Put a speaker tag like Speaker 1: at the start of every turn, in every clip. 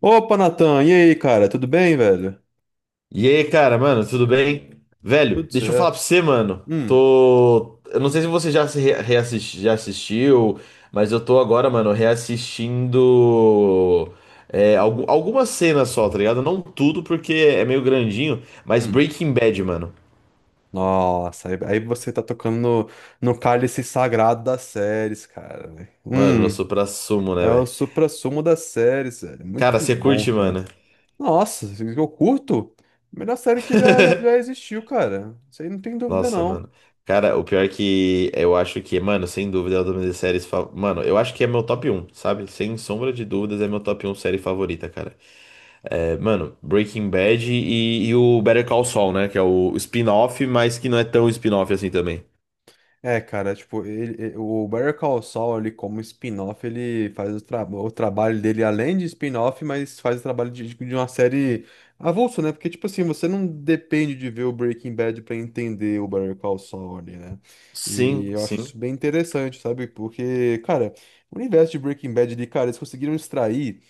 Speaker 1: Opa, Natan, e aí, cara? Tudo bem, velho?
Speaker 2: E aí, cara, mano, tudo bem? Velho,
Speaker 1: Tudo
Speaker 2: deixa eu falar
Speaker 1: certo.
Speaker 2: pra você, mano.
Speaker 1: Hum,
Speaker 2: Tô. Eu não sei se você já se re- reassisti- já assistiu, mas eu tô agora, mano, reassistindo. Algumas cenas só, tá ligado? Não tudo, porque é meio grandinho, mas
Speaker 1: hum.
Speaker 2: Breaking Bad, mano.
Speaker 1: Nossa, aí você tá tocando no cálice sagrado das séries, cara. velho.
Speaker 2: Mano, eu
Speaker 1: Hum,
Speaker 2: sou pra sumo, né,
Speaker 1: É o
Speaker 2: velho?
Speaker 1: suprassumo das séries, velho.
Speaker 2: Cara,
Speaker 1: Muito
Speaker 2: você
Speaker 1: bom,
Speaker 2: curte,
Speaker 1: cara.
Speaker 2: mano.
Speaker 1: Nossa, eu curto. Melhor série que já existiu, cara. Isso aí não tem dúvida,
Speaker 2: Nossa,
Speaker 1: não.
Speaker 2: mano. Cara, o pior é que eu acho que, mano, sem dúvida é uma das minhas séries. Mano, eu acho que é meu top um, sabe? Sem sombra de dúvidas, é meu top um série favorita, cara. É, mano, Breaking Bad e o Better Call Saul, né? Que é o spin-off, mas que não é tão spin-off assim também.
Speaker 1: É, cara, tipo, o Better Call Saul ali como spin-off, ele faz o trabalho dele além de spin-off, mas faz o trabalho de, tipo, de uma série avulso, né? Porque, tipo assim, você não depende de ver o Breaking Bad pra entender o Better Call Saul ali, né? E
Speaker 2: Sim,
Speaker 1: eu acho
Speaker 2: sim.
Speaker 1: isso bem interessante, sabe? Porque, cara, o universo de Breaking Bad ali, cara, eles conseguiram extrair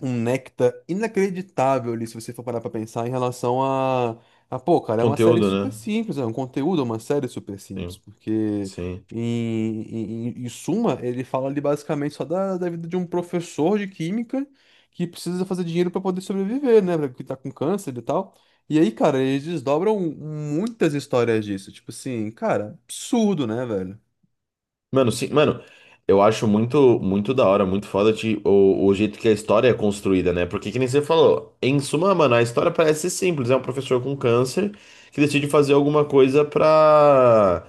Speaker 1: um néctar inacreditável ali, se você for parar pra pensar, em relação a pô, cara, é uma série
Speaker 2: Conteúdo,
Speaker 1: super
Speaker 2: né?
Speaker 1: simples, é um conteúdo, é uma série super simples,
Speaker 2: Sim,
Speaker 1: porque
Speaker 2: sim.
Speaker 1: em suma, ele fala ali basicamente só da vida de um professor de química que precisa fazer dinheiro pra poder sobreviver, né? Que tá com câncer e tal. E aí, cara, eles desdobram muitas histórias disso, tipo assim, cara, absurdo, né, velho?
Speaker 2: Mano, sim, mano, eu acho muito, muito da hora, muito foda de, o jeito que a história é construída, né? Porque que nem você falou, em suma, mano, a história parece ser simples. É um professor com câncer que decide fazer alguma coisa pra.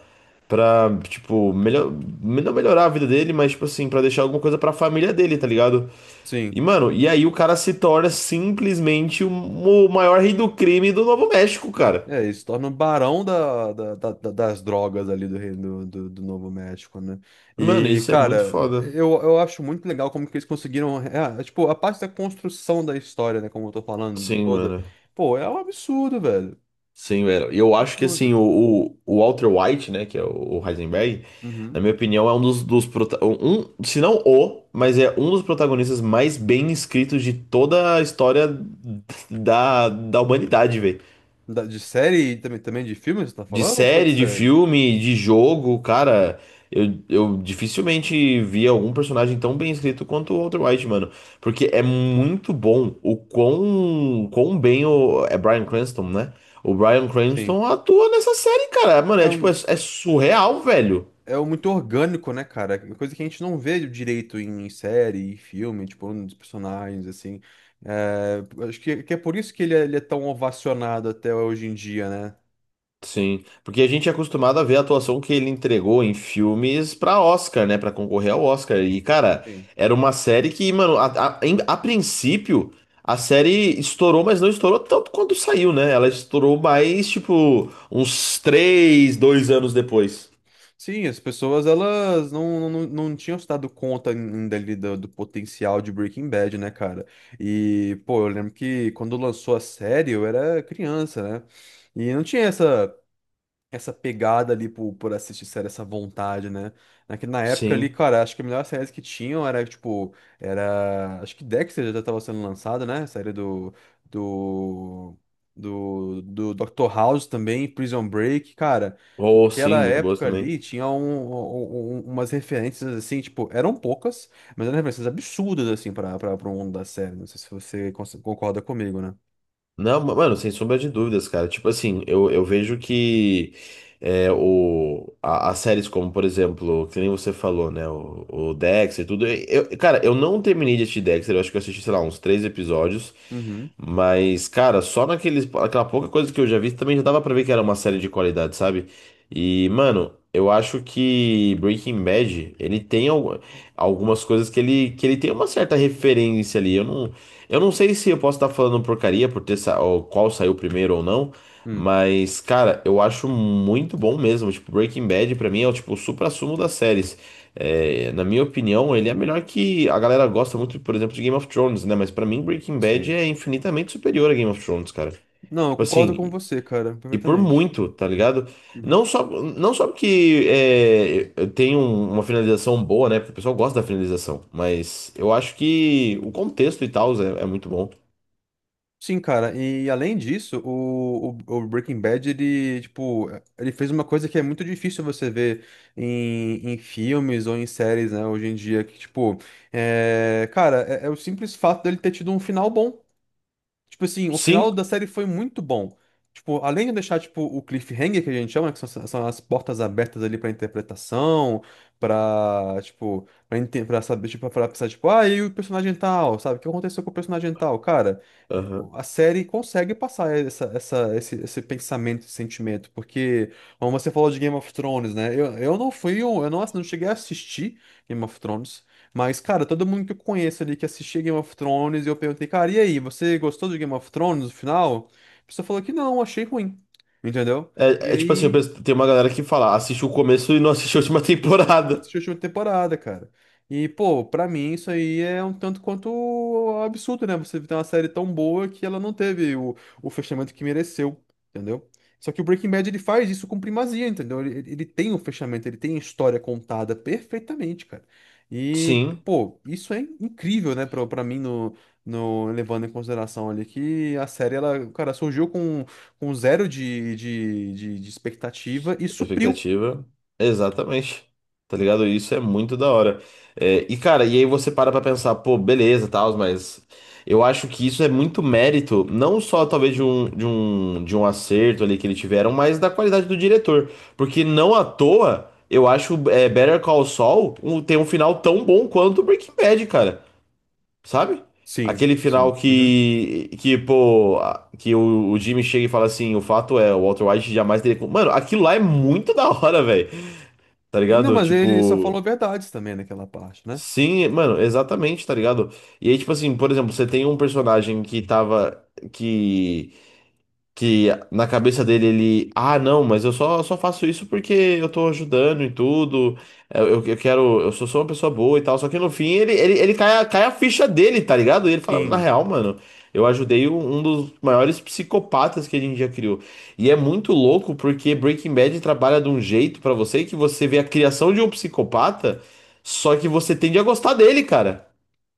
Speaker 2: Pra, tipo, melhor, não melhorar a vida dele, mas, tipo assim, pra deixar alguma coisa pra família dele, tá ligado? E,
Speaker 1: Sim.
Speaker 2: mano, e aí o cara se torna simplesmente o maior rei do crime do Novo México, cara.
Speaker 1: É, ele se torna o barão da, da- da- da- das drogas ali do Reino do Novo México, né?
Speaker 2: Mano,
Speaker 1: E,
Speaker 2: isso é muito
Speaker 1: cara,
Speaker 2: foda.
Speaker 1: eu acho muito legal como que eles conseguiram. Tipo, a parte da construção da história, né? Como eu tô falando
Speaker 2: Sim,
Speaker 1: toda.
Speaker 2: mano.
Speaker 1: Pô, é um absurdo, velho.
Speaker 2: Sim, velho. E eu acho que, assim,
Speaker 1: Absurdo.
Speaker 2: o Walter White, né, que é o Heisenberg, na
Speaker 1: Uhum.
Speaker 2: minha opinião, é um dos, dos prota- um, se não o, mas é um dos protagonistas mais bem escritos de toda a história da humanidade, velho.
Speaker 1: De série e também, também de filme, você tá
Speaker 2: De
Speaker 1: falando ou só de
Speaker 2: série, de
Speaker 1: série?
Speaker 2: filme, de jogo, cara, eu dificilmente vi algum personagem tão bem escrito quanto o Walter White, mano. Porque é muito bom o quão, quão bem o. É Bryan Cranston, né? O Bryan
Speaker 1: Sim.
Speaker 2: Cranston atua nessa série, cara. Mano,
Speaker 1: É
Speaker 2: é tipo, é,
Speaker 1: um.
Speaker 2: é surreal, velho.
Speaker 1: É o muito orgânico, né, cara? É uma coisa que a gente não vê direito em série, em filme, tipo, nos personagens, assim. É, acho que é por isso que ele é tão ovacionado até hoje em dia, né?
Speaker 2: Sim, porque a gente é acostumado a ver a atuação que ele entregou em filmes pra Oscar, né, pra concorrer ao Oscar. E cara,
Speaker 1: Sim,
Speaker 2: era uma série que, mano, a princípio a série estourou, mas não estourou tanto quanto saiu, né? Ela estourou mais tipo uns três, dois anos depois.
Speaker 1: sim, as pessoas, elas não tinham se dado conta ainda ali do potencial de Breaking Bad, né, cara? E, pô, eu lembro que quando lançou a série, eu era criança, né? E não tinha essa. Essa pegada ali por assistir série, essa vontade, né? Na época ali,
Speaker 2: Sim.
Speaker 1: cara, acho que a melhor série que tinham era, tipo, era. Acho que Dexter já tava sendo lançada, né? A série do, do Dr. House também, Prison Break, cara.
Speaker 2: Oh, sim,
Speaker 1: Naquela
Speaker 2: muito boas
Speaker 1: época
Speaker 2: também.
Speaker 1: ali tinha umas referências assim, tipo, eram poucas, mas eram referências absurdas, assim, para o mundo da série. Não sei se você concorda comigo, né?
Speaker 2: Não, mano, sem sombra de dúvidas, cara. Tipo assim, eu vejo que é, as séries como, por exemplo, que nem você falou, né? O Dexter e tudo. Eu, cara, eu não terminei de assistir Dexter, eu acho que eu assisti, sei lá, uns três episódios.
Speaker 1: Uhum.
Speaker 2: Mas, cara, só naqueles, aquela pouca coisa que eu já vi também já dava pra ver que era uma série de qualidade, sabe? E, mano, eu acho que Breaking Bad, ele tem algumas coisas que ele tem uma certa referência ali. Eu não sei se eu posso estar falando porcaria por ter ou qual saiu primeiro ou não,
Speaker 1: Hum,
Speaker 2: mas, cara, eu acho muito bom mesmo. Tipo, Breaking Bad pra mim é o tipo, o suprassumo das séries. É, na minha opinião, ele é melhor que a galera gosta muito, por exemplo, de Game of Thrones, né? Mas pra mim, Breaking Bad
Speaker 1: sim.
Speaker 2: é infinitamente superior a Game of Thrones, cara.
Speaker 1: Não, eu
Speaker 2: Tipo assim,
Speaker 1: concordo com
Speaker 2: e
Speaker 1: você, cara,
Speaker 2: e por
Speaker 1: perfeitamente.
Speaker 2: muito, tá ligado? Não
Speaker 1: Uhum.
Speaker 2: só, não só porque é, uma finalização boa, né? Porque o pessoal gosta da finalização, mas eu acho que o contexto e tal é muito bom.
Speaker 1: Sim, cara, e além disso, o Breaking Bad, ele, tipo, ele fez uma coisa que é muito difícil você ver em filmes ou em séries, né, hoje em dia, que, tipo, é, cara, é o simples fato dele ter tido um final bom. Tipo assim, o
Speaker 2: Sim.
Speaker 1: final da série foi muito bom. Tipo, além de deixar, tipo, o cliffhanger, que a gente chama, que são as portas abertas ali pra interpretação, pra saber, tipo, pra pensar, tipo, ah, e o personagem tal, sabe? O que aconteceu com o personagem tal? Cara,
Speaker 2: Aham.
Speaker 1: a série consegue passar esse pensamento, esse sentimento, porque, como você falou de Game of Thrones, né? Eu não fui, eu não, não cheguei a assistir Game of Thrones, mas, cara, todo mundo que eu conheço ali que assistia Game of Thrones, eu perguntei, cara, e aí, você gostou de Game of Thrones no final? A pessoa falou que não, achei ruim, entendeu? E
Speaker 2: É, é tipo assim,
Speaker 1: aí.
Speaker 2: tem uma galera que fala, assiste o começo e não assiste a última
Speaker 1: Na
Speaker 2: temporada.
Speaker 1: última temporada, cara. E, pô, pra mim isso aí é um tanto quanto absurdo, né? Você ter uma série tão boa que ela não teve o fechamento que mereceu, entendeu? Só que o Breaking Bad ele faz isso com primazia, entendeu? Ele tem o fechamento, ele tem a história contada perfeitamente, cara. E,
Speaker 2: Sim,
Speaker 1: pô, isso é incrível, né, pra mim, no, no, levando em consideração ali que a série, ela, cara, surgiu com zero de expectativa e supriu.
Speaker 2: expectativa. Exatamente. Tá ligado? Isso é muito da hora. É, e cara, e aí você para pra pensar, pô, beleza, tal, mas eu acho que isso é muito mérito, não só talvez de um acerto ali que eles tiveram, mas da qualidade do diretor. Porque não à toa, eu acho é, Better Call Saul tem um final tão bom quanto Breaking Bad, cara. Sabe?
Speaker 1: Sim,
Speaker 2: Aquele final
Speaker 1: sim. Uhum.
Speaker 2: que pô, que o Jimmy chega e fala assim: o fato é, o Walter White jamais teria. Co-" Mano, aquilo lá é muito da hora, velho. Tá
Speaker 1: E não,
Speaker 2: ligado?
Speaker 1: mas ele só
Speaker 2: Tipo.
Speaker 1: falou verdades também naquela parte, né?
Speaker 2: Sim, mano, exatamente, tá ligado? E aí, tipo assim, por exemplo, você tem um personagem que tava. Que que na cabeça dele ele, ah, não, mas eu só, só faço isso porque eu tô ajudando e tudo, eu quero, eu sou só uma pessoa boa e tal, só que no fim ele cai, cai a ficha dele, tá ligado? E ele fala, na
Speaker 1: Sim,
Speaker 2: real, mano, eu ajudei um dos maiores psicopatas que a gente já criou. E é muito louco porque Breaking Bad trabalha de um jeito pra você que você vê a criação de um psicopata, só que você tende a gostar dele, cara.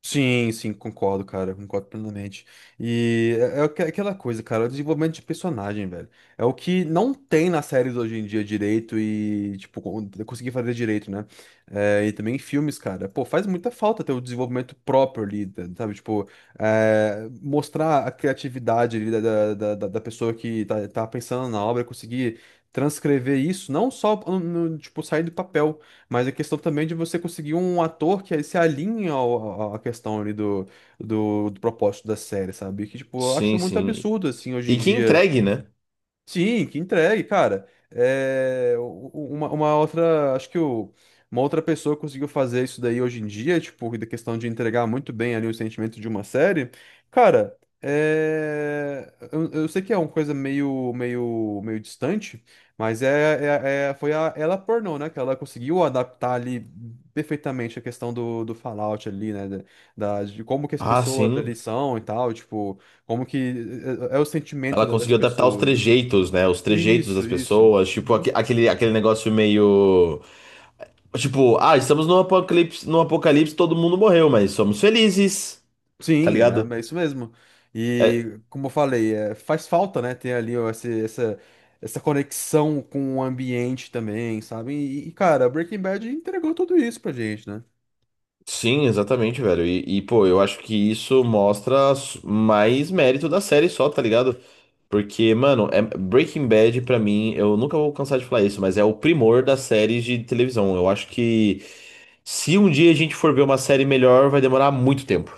Speaker 1: sim, concordo, cara, concordo plenamente. E é, aquela coisa, cara, é o desenvolvimento de personagem, velho. É o que não tem nas séries hoje em dia direito e, tipo, conseguir fazer direito, né? É, e também em filmes, cara. Pô, faz muita falta ter o desenvolvimento próprio ali, sabe? Tipo, é, mostrar a criatividade ali da pessoa que tá, tá pensando na obra, conseguir transcrever isso, não só, tipo, sair do papel. Mas a questão também de você conseguir um ator que se alinhe à questão ali do propósito da série, sabe? Que, tipo, eu acho
Speaker 2: Sim,
Speaker 1: muito
Speaker 2: sim.
Speaker 1: absurdo, assim, hoje em
Speaker 2: E que
Speaker 1: dia.
Speaker 2: entregue, né?
Speaker 1: Sim, que entregue, cara. É, uma outra, acho que o, uma outra pessoa conseguiu fazer isso daí hoje em dia, tipo, da questão de entregar muito bem ali o sentimento de uma série. Cara, é, eu sei que é uma coisa meio distante, mas foi a ela pornô, né? Que ela conseguiu adaptar ali perfeitamente a questão do Fallout ali, né? De como que as
Speaker 2: Ah,
Speaker 1: pessoas
Speaker 2: sim.
Speaker 1: ali são e tal, tipo, como que é, é o sentimento
Speaker 2: Ela
Speaker 1: das
Speaker 2: conseguiu adaptar os
Speaker 1: pessoas, né?
Speaker 2: trejeitos, né? Os trejeitos das
Speaker 1: Isso, isso.
Speaker 2: pessoas, tipo
Speaker 1: Uhum.
Speaker 2: aquele negócio meio. Tipo, ah, estamos no apocalipse, no apocalipse, todo mundo morreu, mas somos felizes, tá
Speaker 1: Sim,
Speaker 2: ligado?
Speaker 1: é, é isso mesmo.
Speaker 2: É,
Speaker 1: E como eu falei, é, faz falta, né, ter ali ó, essa, essa conexão com o ambiente também, sabe? E, cara, Breaking Bad entregou tudo isso pra gente, né?
Speaker 2: sim, exatamente, velho. E, pô, eu acho que isso mostra mais mérito da série só, tá ligado? Porque, mano, Breaking Bad, pra mim, eu nunca vou cansar de falar isso, mas é o primor das séries de televisão. Eu acho que se um dia a gente for ver uma série melhor, vai demorar muito tempo.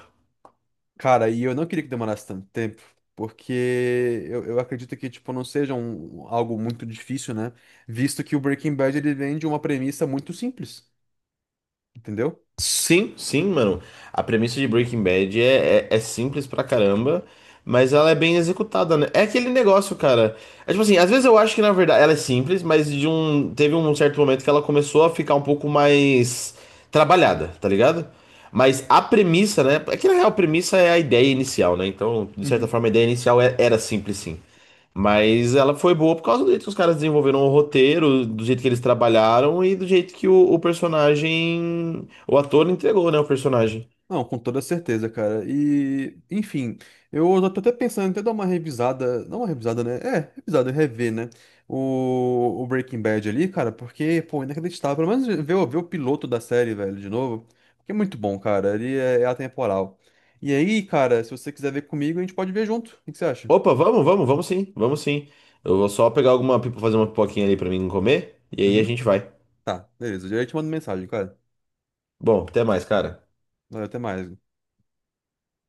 Speaker 1: Cara, e eu não queria que demorasse tanto tempo, porque eu acredito que, tipo, não seja um, algo muito difícil, né? Visto que o Breaking Bad, ele vem de uma premissa muito simples, entendeu?
Speaker 2: Sim, sim, mano. A premissa de Breaking Bad é simples pra caramba, mas ela é bem executada, né? É aquele negócio, cara. É tipo assim, às vezes eu acho que na verdade ela é simples, mas teve um certo momento que ela começou a ficar um pouco mais trabalhada, tá ligado? Mas a premissa, né? É que na real a premissa é a ideia inicial, né? Então, de certa forma, a ideia inicial era simples, sim. Mas ela foi boa por causa do jeito que os caras desenvolveram o roteiro, do jeito que eles trabalharam e do jeito que o personagem, o ator entregou, né, o personagem.
Speaker 1: Não, com toda certeza, cara. E, enfim, eu já tô até pensando em até dar uma revisada, não uma revisada, né? É, revisada, rever, né? O Breaking Bad ali, cara, porque, pô, inacreditável. Pelo menos ver, ver o piloto da série, velho, de novo, porque é muito bom, cara. Ele é, é atemporal. E aí, cara, se você quiser ver comigo, a gente pode ver junto. O que que você acha?
Speaker 2: Opa, vamos, vamos, vamos sim, vamos sim. Eu vou só pegar fazer uma pipoquinha ali pra mim comer e aí a
Speaker 1: Uhum.
Speaker 2: gente vai.
Speaker 1: Tá, beleza. Eu te mando mensagem, cara.
Speaker 2: Bom, até mais, cara.
Speaker 1: Valeu, até mais.